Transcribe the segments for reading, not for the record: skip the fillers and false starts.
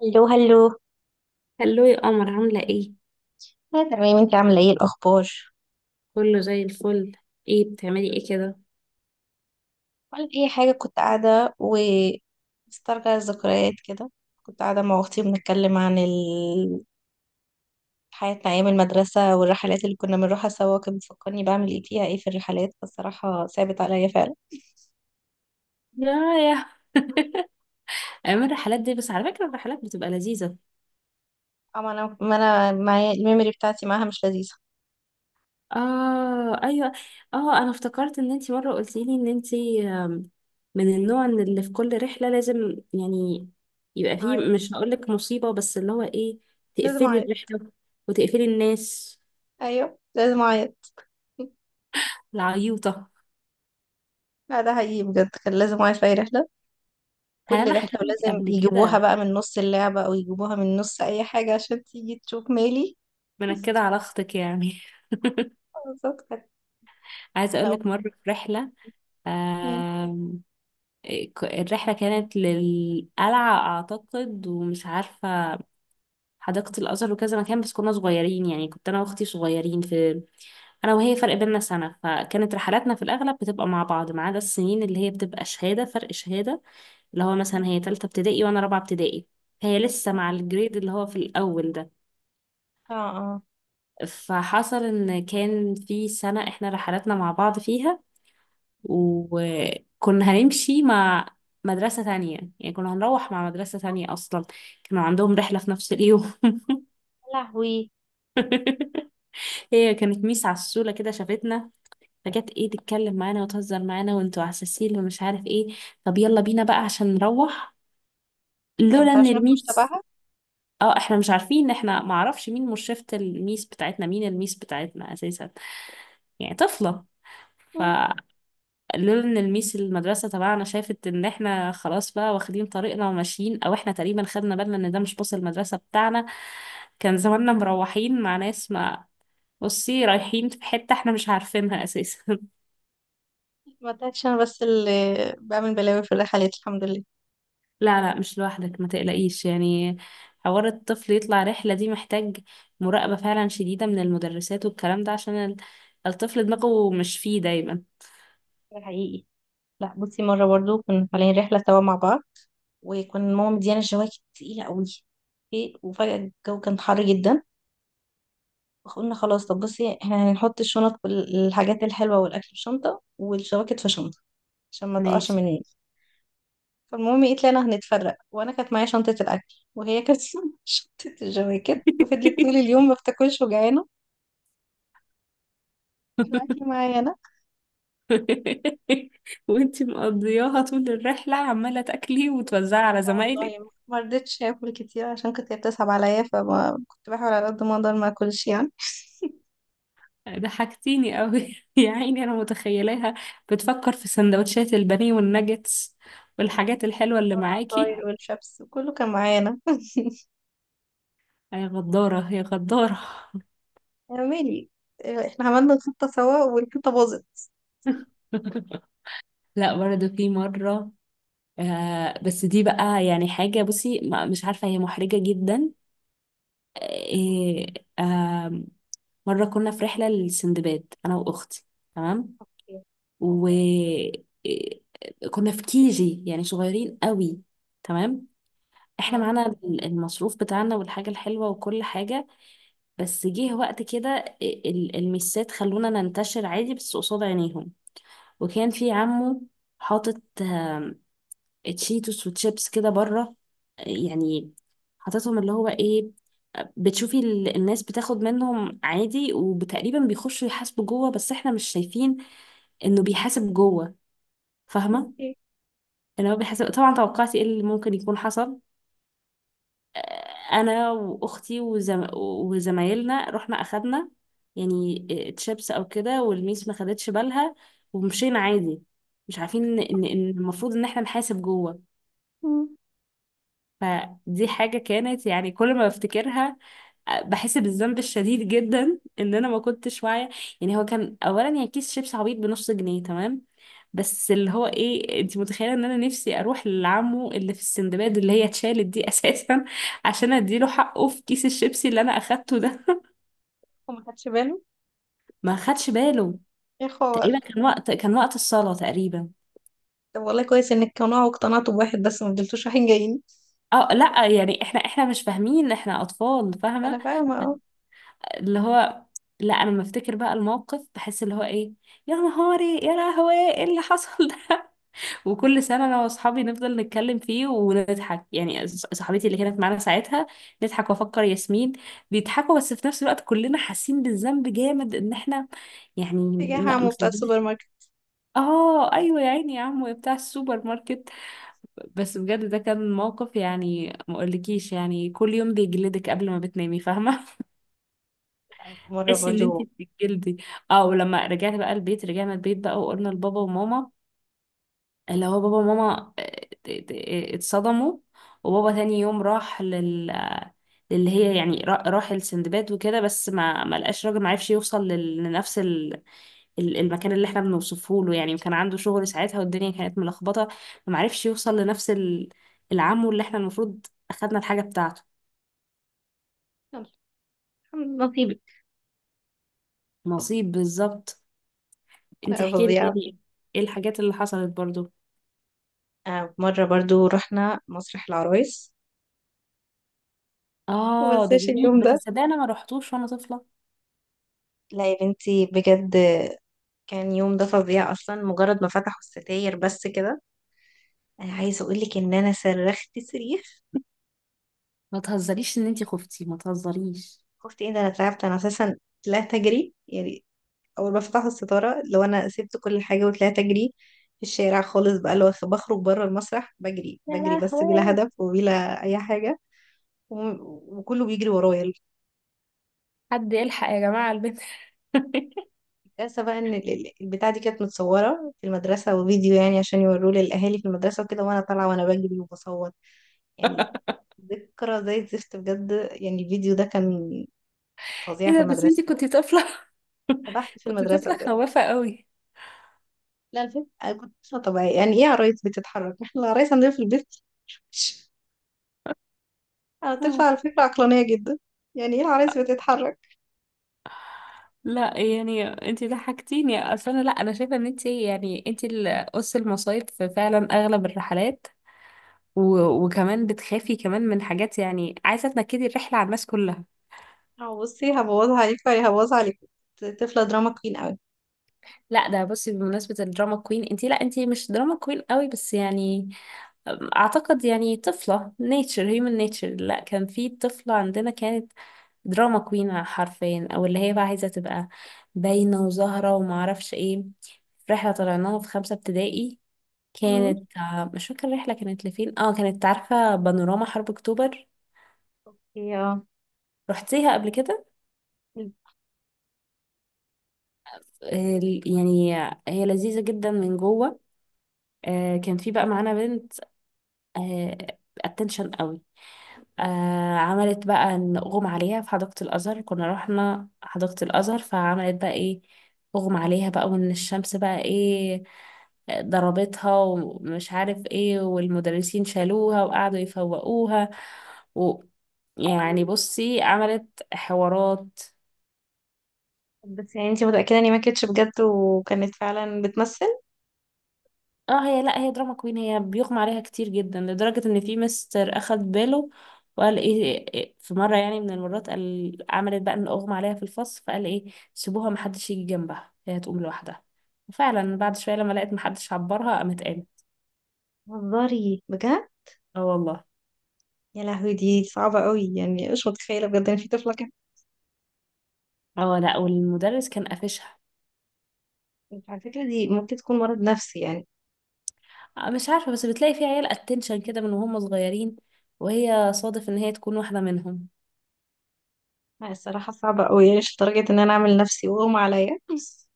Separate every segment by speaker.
Speaker 1: هلو.
Speaker 2: هلو يا قمر عاملة ايه؟
Speaker 1: أنا تمام، انت عاملة ايه الأخبار؟
Speaker 2: كله زي الفل. ايه بتعملي ايه كده؟
Speaker 1: ولا أي حاجة، كنت قاعدة بسترجع الذكريات كده. كنت قاعدة مع أختي بنتكلم عن حياتنا أيام المدرسة والرحلات اللي كنا بنروحها سوا. كانت بتفكرني بعمل ايه فيها ايه في الرحلات، فالصراحة ثابت عليا فعلا.
Speaker 2: يا يا ايام الرحلات دي، بس على فكرة الرحلات بتبقى لذيذة.
Speaker 1: أما أنا ما أنا معايا الميموري بتاعتي معاها مش لذيذة.
Speaker 2: اه ايوه. اه انا افتكرت ان انتي مرة قلتيلي ان انتي من النوع ان اللي في كل رحلة لازم يعني يبقى فيه
Speaker 1: أعيط،
Speaker 2: مش هقولك مصيبة بس اللي هو ايه،
Speaker 1: لازم
Speaker 2: تقفلي
Speaker 1: أعيط.
Speaker 2: الرحلة وتقفلي الناس،
Speaker 1: أيوه لازم أعيط.
Speaker 2: العيوطة.
Speaker 1: لا ده حقيقي بجد، كان لازم أعيط في أي رحلة.
Speaker 2: هل
Speaker 1: كل
Speaker 2: انا
Speaker 1: رحلة
Speaker 2: حكيت لك
Speaker 1: ولازم
Speaker 2: قبل
Speaker 1: يجيبوها
Speaker 2: كده
Speaker 1: بقى من نص اللعبة أو يجيبوها من نص أي حاجة عشان تيجي تشوف مالي.
Speaker 2: منكدة على اختك يعني؟
Speaker 1: بالظبط كانت.
Speaker 2: عايزة
Speaker 1: لو
Speaker 2: اقولك مرة في رحلة،
Speaker 1: مم.
Speaker 2: الرحلة كانت للقلعة أعتقد، ومش عارفة، حديقة الأزهر وكذا مكان، بس كنا صغيرين يعني، كنت أنا وأختي صغيرين في، أنا وهي فرق بيننا سنة، فكانت رحلاتنا في الأغلب بتبقى مع بعض، ما عدا السنين اللي هي بتبقى شهادة، فرق شهادة، اللي هو
Speaker 1: مم.
Speaker 2: مثلا هي تالتة ابتدائي وأنا رابعة ابتدائي. هي لسه مع الجريد اللي هو في الأول ده.
Speaker 1: اه اه.
Speaker 2: فحصل إن كان في سنة إحنا رحلاتنا مع بعض فيها، وكنا هنمشي مع مدرسة تانية، يعني كنا هنروح مع مدرسة تانية أصلا، كانوا عندهم رحلة في نفس اليوم.
Speaker 1: يا لهوي،
Speaker 2: هي كانت ميس عسولة كده شافتنا، فجت ايه تتكلم معانا وتهزر معانا وانتوا عساسين ومش عارف ايه، طب يلا بينا بقى عشان نروح.
Speaker 1: هي ما
Speaker 2: لولا ان
Speaker 1: تعرفش نفكش
Speaker 2: الميس.
Speaker 1: تبعها.
Speaker 2: اه احنا مش عارفين، احنا معرفش مين مرشفة الميس بتاعتنا، مين الميس بتاعتنا اساسا، يعني طفلة. ف
Speaker 1: مم.
Speaker 2: لولا ان الميس المدرسه تبعنا شافت ان احنا خلاص بقى واخدين طريقنا وماشيين، او احنا تقريبا خدنا بالنا ان ده مش باص المدرسه بتاعنا، كان زماننا مروحين مع ناس، ما، بصي رايحين في حته احنا مش عارفينها اساسا.
Speaker 1: ما تعرفش، أنا بس اللي بعمل بلاوي في الرحلات الحمد لله.
Speaker 2: لا، لا، مش لوحدك ما تقلقيش يعني. حوار الطفل يطلع رحله دي محتاج مراقبه فعلا شديده من المدرسات والكلام ده، عشان الطفل دماغه مش فيه دايما.
Speaker 1: ده حقيقي. لا بصي، مرة برضو كنا طالعين رحلة سوا مع بعض، وكنا ماما مديانا جواكت تقيلة قوي، وفجأة الجو كان حر جدا. قلنا خلاص، طب بصي احنا هنحط الشنط والحاجات الحلوة والأكل في شنطة والشواكت في شنطة عشان ما تقعش
Speaker 2: ماشي.
Speaker 1: مني. فالمهم ايه، طلعنا هنتفرق، وانا كانت معايا شنطة الأكل، وهي كانت شنطة الجواكت، وفضلت طول اليوم ما بتاكلش وجعانة. الأكل معايا أنا.
Speaker 2: وانتي مقضياها طول الرحلة عمالة تاكلي وتوزعي على
Speaker 1: لا
Speaker 2: زمايلك.
Speaker 1: والله ما رضيتش آكل كتير، عشان كنت هي بتسحب عليا، فما كنت بحاول على قد ما أقدر ما أكلش يعني.
Speaker 2: ضحكتيني قوي، يا عيني انا متخيلاها بتفكر في سندوتشات البانيه والناجتس والحاجات الحلوة اللي معاكي.
Speaker 1: والعصاير والشبس وكله كان معايا أنا.
Speaker 2: يا غدارة يا غدارة.
Speaker 1: يا مالي، احنا عملنا الخطة سوا والخطة باظت.
Speaker 2: لا برضه في مرة، آه بس دي بقى يعني حاجة بصي، مش عارفة هي محرجة جدا. آه. آه. مرة كنا في رحلة للسندباد أنا وأختي، تمام،
Speaker 1: أوكي.
Speaker 2: وكنا في كيجي يعني صغيرين قوي، تمام. احنا
Speaker 1: مم.
Speaker 2: معانا المصروف بتاعنا والحاجة الحلوة وكل حاجة، بس جه وقت كده المسات خلونا ننتشر عادي بس قصاد عينيهم، وكان في عمه حاطط تشيتوس وتشيبس كده بره يعني، حاططهم اللي هو ايه، بتشوفي الناس بتاخد منهم عادي، وتقريبا بيخشوا يحاسبوا جوه بس احنا مش شايفين انه بيحاسب جوه، فاهمة؟
Speaker 1: أوكي.
Speaker 2: اللي هو بيحسب طبعا، توقعتي ايه اللي ممكن يكون حصل؟ آه، انا واختي وزمايلنا رحنا اخدنا يعني تشيبس او كده، والميس ما خدتش بالها، ومشينا عادي مش عارفين ان إن المفروض ان احنا نحاسب جوه.
Speaker 1: مم.
Speaker 2: فدي حاجة كانت يعني كل ما بفتكرها بحس بالذنب الشديد جدا، ان انا ما كنتش واعيه، يعني هو كان اولا يعني كيس شيبس عبيط بنص جنيه، تمام، بس اللي هو ايه، انت متخيله ان انا نفسي اروح لعمه اللي في السندباد اللي هي اتشالت دي اساسا عشان اديله حقه في كيس الشيبسي اللي انا اخدته ده.
Speaker 1: وما خدش باله.
Speaker 2: ما خدش باله.
Speaker 1: ايه خبر.
Speaker 2: تقريبا كان وقت الصلاه تقريبا.
Speaker 1: طب والله كويس انك قناعة واقتنعتوا بواحد بس ما فضلتوش رايحين جايين.
Speaker 2: اه لا يعني احنا مش فاهمين، احنا اطفال، فاهمه.
Speaker 1: انا فاهمة اه.
Speaker 2: اللي هو، لا انا لما افتكر بقى الموقف بحس اللي هو ايه، يا نهاري، يا لهوي ايه اللي حصل ده. وكل سنة أنا وأصحابي نفضل نتكلم فيه ونضحك، يعني صاحبتي اللي كانت معانا ساعتها، نضحك وأفكر ياسمين بيضحكوا، بس في نفس الوقت كلنا حاسين بالذنب جامد إن إحنا يعني
Speaker 1: اتجاه
Speaker 2: ما
Speaker 1: عمو بتاع السوبر
Speaker 2: خدناش.
Speaker 1: ماركت.
Speaker 2: آه أيوة، يا عيني يا عمو يا بتاع السوبر ماركت. بس بجد ده كان موقف يعني ما أقولكيش، يعني كل يوم بيجلدك قبل ما بتنامي، فاهمة؟
Speaker 1: مرة
Speaker 2: تحسي إن أنت
Speaker 1: برضو.
Speaker 2: بتتجلدي. اه ولما رجعت بقى البيت، رجعنا البيت بقى وقلنا لبابا وماما، اللي هو بابا وماما اتصدموا، وبابا تاني يوم راح للي هي يعني، راح لسندباد وكده، بس ما لقاش راجل، ما عرفش يوصل لنفس المكان اللي احنا بنوصفه له يعني، وكان عنده شغل ساعتها والدنيا كانت ملخبطة، فما عرفش يوصل لنفس العمو اللي احنا المفروض اخدنا الحاجة بتاعته.
Speaker 1: يلا، الحمد لله نصيبك.
Speaker 2: نصيب بالظبط. انتي
Speaker 1: لا
Speaker 2: احكي لي
Speaker 1: فظيعة.
Speaker 2: تاني ايه الحاجات اللي حصلت برضو.
Speaker 1: مرة برضو رحنا مسرح العرايس،
Speaker 2: اه ده
Speaker 1: ومنساش
Speaker 2: جميل
Speaker 1: اليوم
Speaker 2: بس
Speaker 1: ده.
Speaker 2: صدقني انا ما رحتوش وانا طفلة.
Speaker 1: لا يا بنتي بجد، كان يوم ده فظيع اصلا. مجرد ما فتحوا الستاير بس كده، انا عايزه اقول لك ان انا صرخت صريخ.
Speaker 2: ما تهزريش ان انتي خفتي، ما تهزريش.
Speaker 1: خفت ايه ده، انا تعبت انا اساسا، طلعت اجري يعني. اول ما فتحوا الستاره، لو انا سبت كل حاجه وطلعت اجري في الشارع خالص بقى، لو بخرج بره المسرح بجري
Speaker 2: يا
Speaker 1: بجري بس بلا
Speaker 2: لهوي،
Speaker 1: هدف وبلا اي حاجه. وكله بيجري ورايا.
Speaker 2: حد يلحق يا جماعة على البنت.
Speaker 1: الكارثه بقى ان البتاعه دي كانت متصوره في المدرسه، وفيديو يعني عشان يوروه للاهالي في المدرسه وكده، وانا طالعه وانا بجري وبصور يعني. ذكرى زي الزفت بجد، يعني الفيديو ده كان فظيع
Speaker 2: ايه
Speaker 1: في
Speaker 2: ده، بس
Speaker 1: المدرسه.
Speaker 2: انتي كنتي طفلة.
Speaker 1: فضحت في
Speaker 2: كنتي
Speaker 1: المدرسه
Speaker 2: طفلة
Speaker 1: بجد.
Speaker 2: خوافة قوي.
Speaker 1: لا الفيلم أنا كنت مش طبيعي، يعني ايه عرايس بتتحرك؟ احنا العرايس عندنا في البيت. انا طفلة
Speaker 2: آه.
Speaker 1: على فكرة عقلانية جدا، يعني ايه العرايس بتتحرك؟
Speaker 2: لا يعني انتي ضحكتيني اصلا، لا انا شايفه ان انتي يعني انتي اللي قص المصايب في فعلا اغلب الرحلات، و... وكمان بتخافي كمان من حاجات يعني، عايزه تنكدي الرحله على الناس كلها.
Speaker 1: اه بصي، هبوظها عليك ولا هبوظها عليك، طفلة دراما كوين قوي.
Speaker 2: لا ده بصي بمناسبة الدراما كوين انتي، لا انتي مش دراما كوين قوي بس يعني، اعتقد يعني طفلة نيتشر، هيومن نيتشر. لا كان في طفلة عندنا كانت دراما كوين حرفيا، او اللي هي بقى عايزة تبقى باينة وزهرة ومعرفش ايه. في رحلة طلعناها في خمسة ابتدائي،
Speaker 1: مم.
Speaker 2: كانت مش فاكرة الرحلة كانت لفين، اه كانت، عارفة، بانوراما حرب اكتوبر.
Speaker 1: هي اه.
Speaker 2: رحتيها قبل كده؟ آه، يعني هي لذيذة جدا من جوه. كان في بقى معانا بنت اتنشن قوي، آه عملت بقى إن أغمى عليها في حديقة الأزهر، كنا رحنا حديقة الأزهر، فعملت بقى إيه، أغمى عليها بقى، وإن الشمس بقى إيه ضربتها ومش عارف إيه، والمدرسين شالوها وقعدوا يفوقوها، و، يعني بصي عملت حوارات.
Speaker 1: بس يعني انتي متأكدة اني ما كانتش بجد وكانت فعلا بتمثل؟
Speaker 2: اه هي، لا هي دراما كوين، هي بيغمى عليها كتير جدا لدرجة ان في مستر اخد باله، وقال ايه، في مرة يعني من المرات قال، عملت بقى ان اغمى عليها في الفصل، فقال ايه سيبوها محدش يجي جنبها هي هتقوم لوحدها. وفعلا بعد شوية لما لقيت محدش عبرها، قامت قامت.
Speaker 1: هزاري بجد.
Speaker 2: اه والله.
Speaker 1: يا لهوي دي صعبة قوي، يعني مش متخيلة بجد ان في طفلة كده.
Speaker 2: اه لا، والمدرس كان قافشها.
Speaker 1: انت على فكرة دي ممكن تكون مرض نفسي يعني.
Speaker 2: مش عارفة بس بتلاقي في عيال اتنشن كده من وهم صغيرين، وهي صادف ان هي تكون واحدة منهم.
Speaker 1: لا الصراحة صعبة قوي، يعني مش لدرجة ان انا اعمل نفسي واغمى عليا بس.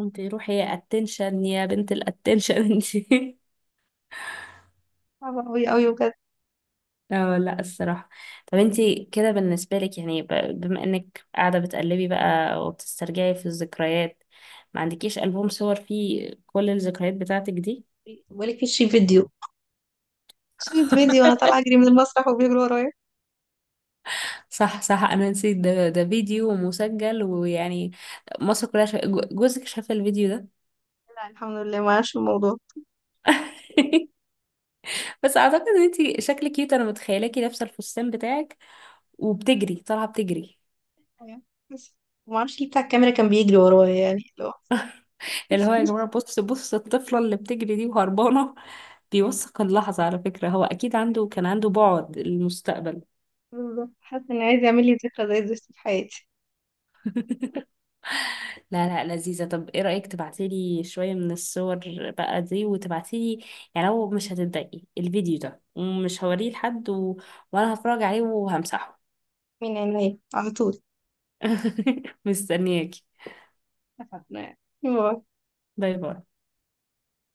Speaker 2: انت روحي يا اتنشن يا بنت الاتنشن انت.
Speaker 1: صعبة قوي قوي بجد.
Speaker 2: اه لا الصراحة. طب انتي كده بالنسبة لك يعني، بما انك قاعدة بتقلبي بقى وبتسترجعي في الذكريات، ما عندكيش ألبوم صور فيه كل الذكريات بتاعتك دي؟
Speaker 1: بقولك في شريط فيديو، شريط فيديو وانا طالعة اجري من المسرح وبيجروا ورايا.
Speaker 2: صح صح، انا نسيت، ده فيديو مسجل ويعني مصر كلها جوزك شاف الفيديو ده.
Speaker 1: لا الحمد لله ما اعرفش الموضوع.
Speaker 2: بس اعتقد ان انتي شكلك كيوت، انا متخيلاكي لابسة الفستان بتاعك وبتجري، طالعة بتجري،
Speaker 1: بس ما اعرفش ليه بتاع الكاميرا كان بيجري ورايا، يعني اللي هو
Speaker 2: اللي هو يا جماعة بص بص الطفلة اللي بتجري دي وهربانة. بيوثق اللحظة على فكرة، هو أكيد عنده، كان عنده بعد المستقبل.
Speaker 1: بالظبط، حاسه ان عايز يعمل لي ذكرى زي دي في حياتي.
Speaker 2: لا لا لذيذة. طب إيه رأيك تبعتيلي شوية من الصور بقى دي، وتبعتيلي يعني لو مش هتتضايقي الفيديو ده ومش هوريه لحد، و... وأنا هتفرج عليه وهمسحه.
Speaker 1: من عينيا على طول.
Speaker 2: مستنياكي.
Speaker 1: اتفقنا يعني. باي.
Speaker 2: باي باي.